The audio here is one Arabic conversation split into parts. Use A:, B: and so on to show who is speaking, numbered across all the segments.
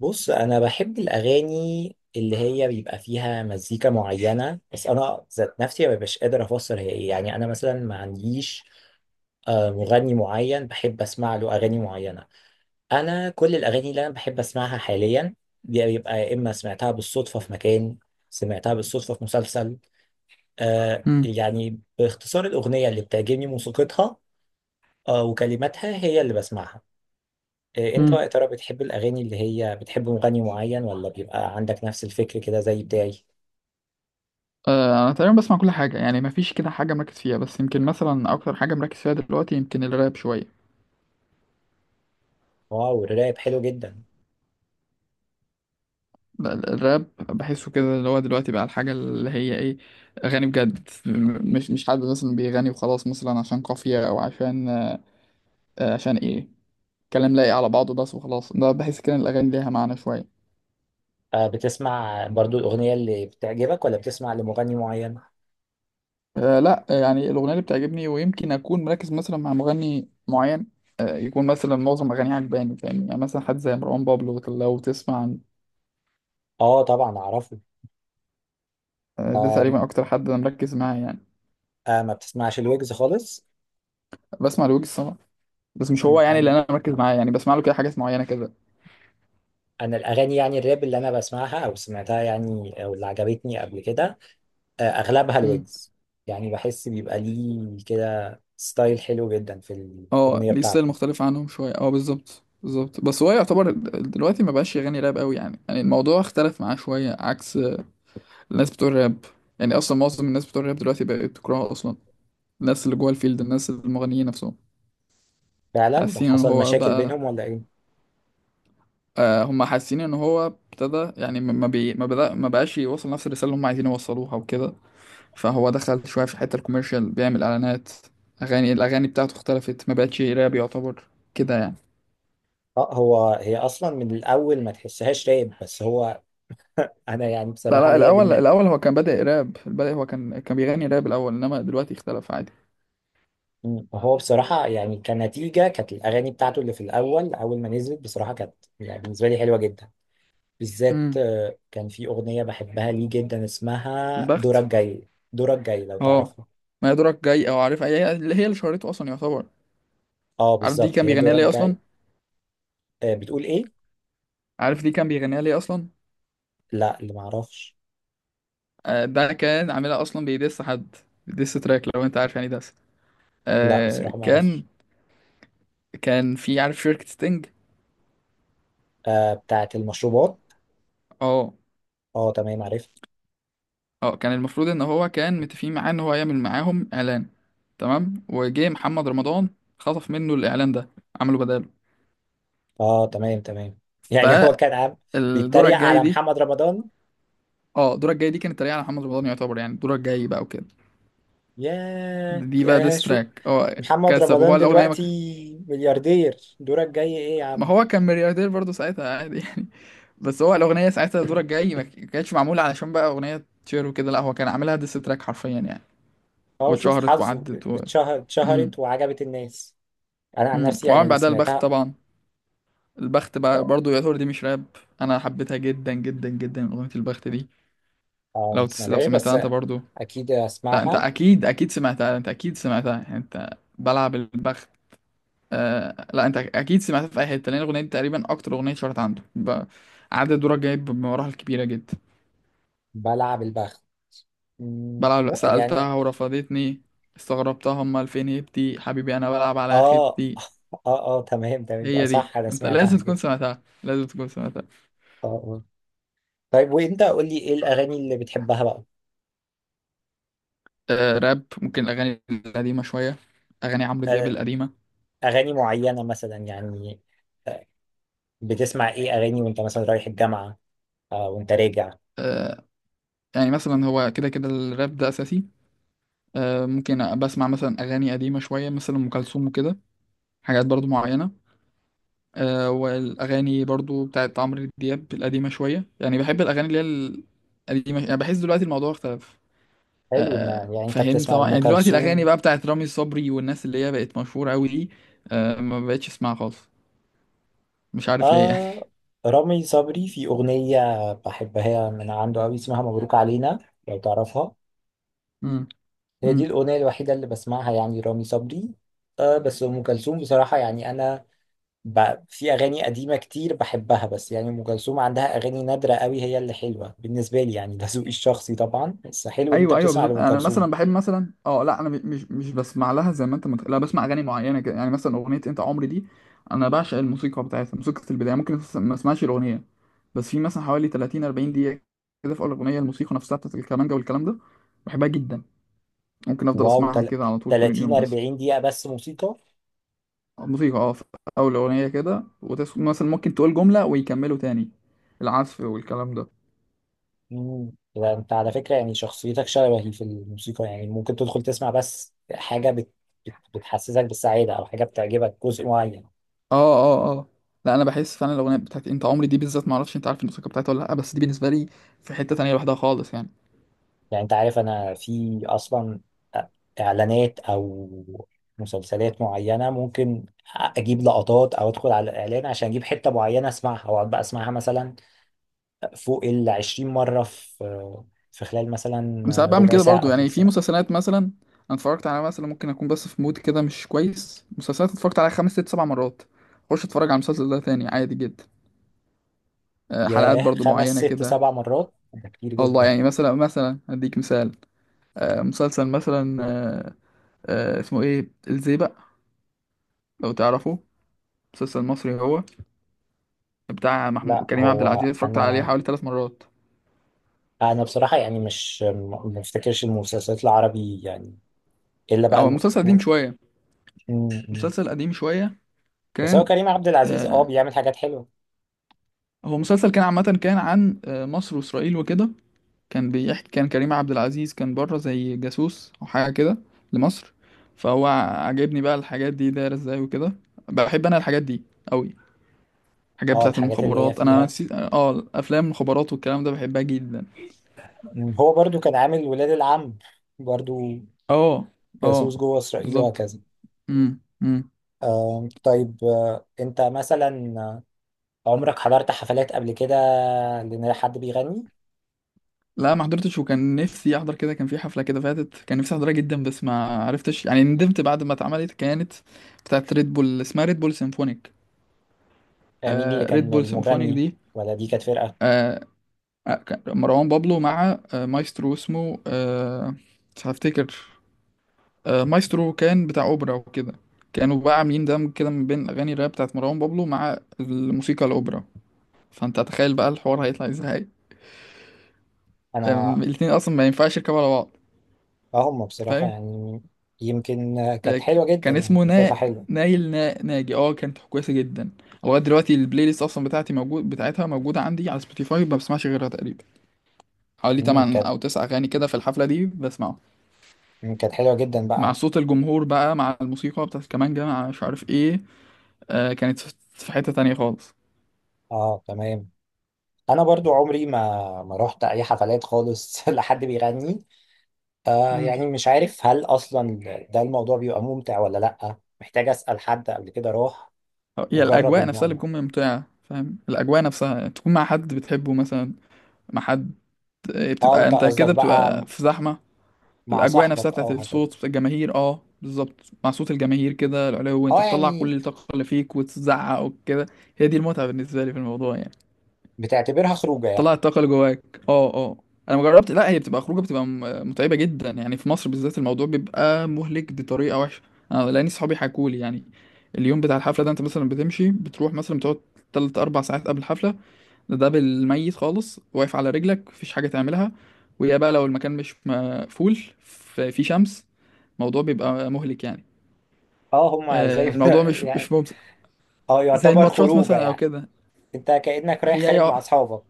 A: بص، انا بحب الاغاني اللي هي بيبقى فيها مزيكا معينه، بس انا ذات نفسي ما ببقاش قادر افسر هي ايه. يعني انا مثلا ما عنديش مغني معين بحب اسمع له اغاني معينه. انا كل الاغاني اللي انا بحب اسمعها حاليا دي بيبقى يا اما سمعتها بالصدفه في مكان، سمعتها بالصدفه في مسلسل.
B: امم
A: يعني باختصار الاغنيه اللي بتعجبني موسيقتها وكلماتها هي اللي بسمعها. انت بقى
B: امم
A: يا ترى بتحب الاغاني اللي هي بتحب مغني معين، ولا بيبقى عندك نفس الفكر كده زي بتاعي؟
B: انا تقريبا بسمع كل حاجه، يعني ما فيش كده حاجه مركز فيها، بس يمكن مثلا اكتر حاجه مركز فيها دلوقتي يمكن الراب شويه.
A: واو، الراب حلو جدا.
B: الراب بحسه كده اللي هو دلوقتي بقى الحاجه اللي هي ايه، اغاني بجد، مش حد مثلا بيغني وخلاص، مثلا عشان قافيه او عشان عشان ايه، كلام لايق على بعضه بس وخلاص. ده بحس كده إن الاغاني ليها معنى شويه.
A: بتسمع برضو الاغنيه اللي بتعجبك، ولا بتسمع لمغني معين؟
B: آه لا، يعني الاغنيه اللي بتعجبني، ويمكن اكون مركز مثلا مع مغني معين. آه، يكون مثلا معظم اغانيه عجباني، فاهم يعني، مثلا حد زي مروان بابلو لو تسمع.
A: اه طبعا اعرفه.
B: آه، ده
A: آه.
B: تقريبا اكتر حد انا مركز معاه يعني.
A: ما بتسمعش الويجز خالص؟
B: بسمع لويجز طبعا، بس مش هو يعني اللي
A: انا
B: انا مركز معاه، يعني بسمع له كده حاجات معينه كده.
A: انا الاغاني، يعني الراب اللي انا بسمعها او سمعتها يعني، او اللي عجبتني قبل كده، اغلبها
B: امم
A: الويجز. يعني بحس بيبقى ليه كده ستايل حلو جدا في
B: اه
A: الاغنيه
B: ليه
A: بتاعته.
B: ستايل مختلف عنهم شويه، اه بالظبط بالظبط. بس هو يعتبر دلوقتي ما بقاش يغني راب قوي، يعني يعني الموضوع اختلف معاه شويه عكس الناس بتوع الراب. يعني اصلا معظم الناس بتوع الراب دلوقتي بقت تكرهه اصلا، الناس اللي جوه الفيلد، الناس المغنيين نفسهم
A: فعلا ده
B: حاسين ان
A: حصل
B: هو
A: مشاكل
B: بقى.
A: بينهم ولا ايه؟
B: آه، هم حاسين ان هو ابتدى، يعني ما ما بي ما بدأ ما بقاش يوصل نفس الرساله اللي هم عايزين يوصلوها وكده. فهو دخل شوية في الحتة الكوميرشال، بيعمل إعلانات. أغاني، الأغاني بتاعته اختلفت، ما بقتش راب يعتبر كده يعني.
A: اه، هو هي اصلا من الاول ما تحسهاش رايب، بس هو انا يعني
B: لا
A: بصراحه
B: لا،
A: ليا
B: الأول الأول هو كان بادئ راب، البداية هو كان بيغني راب الأول، إنما دلوقتي اختلف عادي.
A: مم. هو بصراحه يعني كنتيجه كانت الاغاني بتاعته اللي في الاول اول ما نزلت بصراحه كانت، يعني بالنسبه لي، حلوه جدا. بالذات
B: امم،
A: كان في اغنيه بحبها ليه جدا اسمها دورك
B: البخت.
A: جاي. دورك جاي لو
B: اه
A: تعرفها.
B: ما يدرك جاي أو عارف، هي اللي هي اللي شهرته أصلا يعتبر.
A: اه
B: عارف دي
A: بالظبط،
B: كان
A: هي
B: بيغنيها
A: دورك
B: ليه أصلا؟
A: جاي. بتقول ايه؟
B: عارف دي كان بيغنيها ليه أصلا؟
A: لا، اللي ما اعرفش.
B: آه، ده كان عاملها أصلا بيدس حد، ديس تراك لو أنت عارف، يعني دس.
A: لا
B: آه
A: بصراحه ما
B: كان،
A: اعرفش.
B: كان في عارف شركة ستينج.
A: آه، بتاعت المشروبات.
B: اه
A: اه تمام، عرفت.
B: اه، كان المفروض ان هو كان متفقين معاه ان هو هيعمل معاهم اعلان. تمام، وجه محمد رمضان خطف منه الاعلان ده، عمله بداله.
A: اه تمام تمام. يعني هو كان عم
B: فالدورة
A: بيتريق
B: الجاي
A: على
B: دي،
A: محمد رمضان.
B: اه الدورة الجاي دي كانت تريقة على محمد رمضان يعتبر، يعني الدورة الجاي بقى وكده.
A: ياه
B: دي بقى
A: ياه
B: ديس
A: شو.
B: تراك. اه
A: محمد
B: كسب
A: رمضان
B: هو الاغنية.
A: دلوقتي ملياردير، دورك جاي ايه يا
B: ما
A: عم!
B: هو كان ملياردير برضه ساعتها، عادي يعني. بس هو الاغنية ساعتها، الدورة الجاي ما كانتش معمولة علشان بقى اغنية تشير وكده، لا هو كان عاملها ديس تراك حرفيا يعني.
A: اه شوف
B: واتشهرت
A: حظه.
B: وعدت و
A: اتشهر،
B: امم
A: اتشهرت وعجبت الناس. انا عن نفسي
B: وعمل
A: يعني
B: بعدها البخت
A: سمعتها.
B: طبعا. البخت بقى
A: اه.
B: برضو يعتبر دي مش راب. انا حبيتها جدا جدا جدا اغنيه البخت دي.
A: ما
B: لو
A: سمعتهاش
B: سمعتها
A: بس
B: انت برضو.
A: اكيد
B: لا انت
A: اسمعها.
B: اكيد اكيد سمعتها، انت اكيد سمعتها يعني انت. بلعب البخت. لا انت اكيد سمعتها في اي حته، لان الاغنيه دي تقريبا اكتر اغنيه اتشهرت عنده عدد دورك جايب بمراحل كبيره جدا.
A: بلعب البخت.
B: بلعب
A: مو يعني.
B: سالتها ورفضتني، استغربتها، امال فين هيبتي حبيبي، انا بلعب على
A: اه اه
B: خيبتي.
A: اه. تمام تمام، يبقى
B: هي دي،
A: صح انا
B: انت
A: سمعتها
B: لازم تكون
A: كده.
B: سمعتها، لازم تكون سمعتها.
A: اه اه. طيب وانت قول لي ايه الاغاني اللي بتحبها بقى؟
B: راب، ممكن الاغاني القديمه شويه، اغاني عمرو دياب
A: آه،
B: القديمه.
A: اغاني معينة مثلا يعني؟ آه، بتسمع ايه اغاني وانت مثلا رايح الجامعة؟ آه وانت راجع؟
B: آه، يعني مثلا هو كده كده الراب ده اساسي. آه، ممكن بسمع مثلا اغاني قديمه شويه، مثلا ام كلثوم وكده، حاجات برضو معينه. آه، والاغاني برضو بتاعت عمرو دياب القديمه شويه، يعني بحب الاغاني اللي هي القديمه، يعني بحس دلوقتي الموضوع اختلف.
A: حلو ان
B: آه،
A: يعني انت
B: فهمت
A: بتسمع
B: طبعا،
A: لأم
B: يعني دلوقتي الاغاني
A: كلثوم.
B: بقى بتاعت رامي صبري والناس اللي هي بقت مشهوره قوي دي، آه، ما بقتش اسمعها خالص، مش عارف ليه يعني.
A: آه. رامي صبري في أغنية بحبها من عنده أوي، اسمها مبروك علينا، لو تعرفها.
B: مم.
A: هي دي
B: مم.
A: الأغنية الوحيدة اللي بسمعها يعني رامي صبري. آه بس أم كلثوم بصراحة يعني أنا في أغاني قديمة كتير بحبها، بس يعني أم كلثوم عندها أغاني نادرة أوي هي اللي حلوة بالنسبة لي. يعني ده ذوقي الشخصي طبعا، بس حلو إن أنت
B: ايوه ايوه
A: بتسمع
B: بالظبط،
A: لأم
B: انا
A: كلثوم.
B: مثلا بحب مثلا، اه لا انا مش بسمع لها زي ما انت متخيل، لا بسمع اغاني معينه كده، يعني مثلا اغنيه انت عمري دي. انا بعشق الموسيقى بتاعتها، موسيقى البدايه. ممكن ما اسمعش الاغنيه، بس في مثلا حوالي 30 40 دقيقه كده في اول الاغنيه، الموسيقى نفسها بتاعت الكمانجه والكلام ده، بحبها جدا. ممكن افضل
A: واو
B: اسمعها كده على طول طول
A: 30
B: اليوم بس.
A: 40 دقيقة بس موسيقى؟
B: الموسيقى اه في اول الاغنيه كده، مثلا ممكن تقول جمله ويكملوا تاني العزف والكلام ده.
A: مم. يبقى انت على فكرة يعني شخصيتك شبهي في الموسيقى، يعني ممكن تدخل تسمع بس حاجة بتحسسك بالسعادة، او حاجة بتعجبك جزء معين.
B: اه اه اه، لا انا بحس فعلا الاغنيه بتاعت انت عمري دي بالذات، ما اعرفش انت عارف الموسيقى بتاعتها ولا لا، بس دي بالنسبه لي في حته تانية لوحدها خالص يعني.
A: يعني انت عارف انا في اصلا اعلانات او مسلسلات معينة ممكن اجيب لقطات او ادخل على الاعلان عشان اجيب حتة معينة اسمعها، واقعد بقى اسمعها مثلا فوق ال 20 مرة في خلال مثلا
B: انا ساعات بعمل
A: ربع
B: كده
A: ساعة
B: برضو،
A: او تلت
B: يعني في
A: ساعة.
B: مسلسلات مثلا، انا اتفرجت على، مثلا ممكن اكون بس في مود كده مش كويس، مسلسلات اتفرجت عليها خمس ست سبع مرات، اخش اتفرج على المسلسل ده تاني عادي جدا. آه، حلقات
A: ياه،
B: برضو
A: خمس
B: معينه
A: ست
B: كده.
A: سبع مرات ده كتير
B: والله
A: جدا.
B: يعني، مثلا مثلا اديك مثال. آه، مسلسل مثلا آه، آه، اسمه ايه الزيبق، لو تعرفه، مسلسل مصري هو، بتاع محمود
A: لا
B: كريم عبد
A: هو
B: العزيز، اتفرجت عليه
A: انا
B: حوالي ثلاث مرات.
A: انا بصراحه يعني مش ما افتكرش المسلسلات العربي يعني، الا بقى
B: هو مسلسل قديم شوية،
A: م-
B: مسلسل قديم شوية،
A: بس هو
B: كان
A: كريم عبد العزيز اه
B: آه
A: بيعمل حاجات حلوه.
B: هو مسلسل كان عامة، كان عن مصر وإسرائيل وكده. كان بيحكي، كان كريم عبد العزيز كان بره زي جاسوس أو حاجة كده لمصر. فهو عاجبني بقى الحاجات دي دايرة ازاي وكده، بحب أنا الحاجات دي أوي، الحاجات
A: اه
B: بتاعة
A: الحاجات اللي هي
B: المخابرات. أنا
A: فيها.
B: نسيت، أفلام المخابرات والكلام ده بحبها جدا.
A: م، هو برضو كان عامل ولاد العم برضو،
B: اه اه
A: جاسوس جوه اسرائيل
B: بالظبط.
A: وهكذا.
B: امم امم.
A: طيب، انت مثلا عمرك حضرت حفلات قبل كده لان حد بيغني؟
B: لا ما حضرتش، وكان نفسي احضر. كده كان في حفله كده فاتت كان نفسي احضرها جدا، بس ما عرفتش يعني، ندمت بعد ما اتعملت. كانت بتاعت ريد بول، اسمها ريد بول سيمفونيك.
A: مين اللي
B: آه ريد
A: كان
B: بول سيمفونيك
A: المغني،
B: دي.
A: ولا دي كانت فرقه؟
B: آه آه، كان مروان بابلو مع مايسترو، اسمه مش هفتكر. آه مايسترو كان بتاع اوبرا وكده، كانوا بقى عاملين دمج كده من بين اغاني الراب بتاعت مروان بابلو مع الموسيقى الاوبرا. فانت تخيل بقى الحوار هيطلع ازاي، آه
A: انا
B: الاتنين اصلا ما ينفعش يركبوا على
A: اه، هم بصراحه
B: بعض.
A: يعني يمكن كانت حلوه جدا
B: كان
A: يعني،
B: اسمه
A: كانت بتطلع حلوه.
B: نايل ناجي، اه كانت كويسه جدا. لغايه دلوقتي البلاي ليست اصلا بتاعتي موجود، بتاعتها موجوده عندي على سبوتيفاي، ما بسمعش غيرها تقريبا، حوالي
A: مم،
B: 8
A: كانت
B: او 9 اغاني كده في الحفله دي بسمعه.
A: مم، كانت حلوة جدا
B: مع
A: بقى.
B: صوت الجمهور بقى، مع الموسيقى بتاعت الكمانجة، مع مش عارف ايه، آه كانت في في حته تانية خالص.
A: اه تمام. انا برضو عمري ما ما رحت اي حفلات خالص لحد بيغني. آه
B: مم.
A: يعني مش عارف هل اصلا ده الموضوع بيبقى ممتع ولا لا، محتاج اسأل حد قبل كده راح
B: هي
A: وجرب
B: الأجواء نفسها اللي
A: الموضوع.
B: بتكون ممتعة فاهم، الأجواء نفسها تكون مع حد بتحبه مثلا، مع حد. إيه،
A: اه
B: بتبقى
A: انت
B: أنت
A: قصدك
B: كده
A: بقى
B: بتبقى في زحمة،
A: مع
B: الاجواء نفسها
A: صاحبك
B: بتاعت
A: اه هكذا.
B: الصوت بتاعت الجماهير، اه بالظبط، مع صوت الجماهير كده، العلو، انت
A: اه
B: بتطلع كل
A: يعني
B: الطاقه اللي فيك وتزعق وكده، هي دي المتعه بالنسبه لي في الموضوع يعني.
A: بتعتبرها خروجه يعني.
B: تطلع الطاقه اللي جواك، اه اه. انا ما جربت، لا هي بتبقى خروجه، بتبقى متعبه جدا، يعني في مصر بالذات الموضوع بيبقى مهلك بطريقه وحشه. انا لاني صحابي حكولي يعني، اليوم بتاع الحفله ده انت مثلا بتمشي، بتروح، مثلا بتقعد تلت اربع ساعات قبل الحفله. ده بالميت خالص، واقف على رجلك، مفيش حاجة تعملها، ويا بقى لو المكان مش مقفول، في شمس، الموضوع بيبقى مهلك يعني.
A: اه هما زي
B: آه، الموضوع مش
A: يعني
B: مش ممتع،
A: اه
B: زي
A: يعتبر
B: الماتشات
A: خروجه
B: مثلا او
A: يعني،
B: كده.
A: انت كأنك رايح
B: هي هي
A: خارج
B: اه
A: مع اصحابك.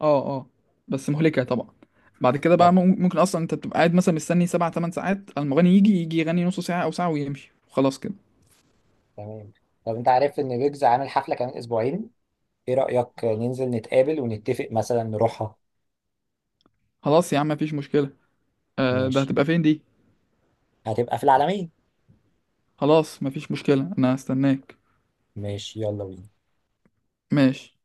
B: اه. آه، بس مهلكة طبعا. بعد كده بقى
A: طب
B: ممكن اصلا انت بتبقى قاعد مثلا مستني سبع تمن ساعات، المغني يجي، يغني نص ساعة او ساعة ويمشي وخلاص كده.
A: تمام. طب انت عارف ان ويجز عامل حفلة كمان اسبوعين؟ ايه رأيك ننزل نتقابل ونتفق مثلا نروحها؟
B: خلاص يا عم، مفيش مشكلة. آه، ده
A: ماشي،
B: هتبقى فين دي؟
A: هتبقى في العالمين.
B: خلاص مفيش مشكلة، انا هستناك.
A: ماشي، يلا بينا.
B: ماشي.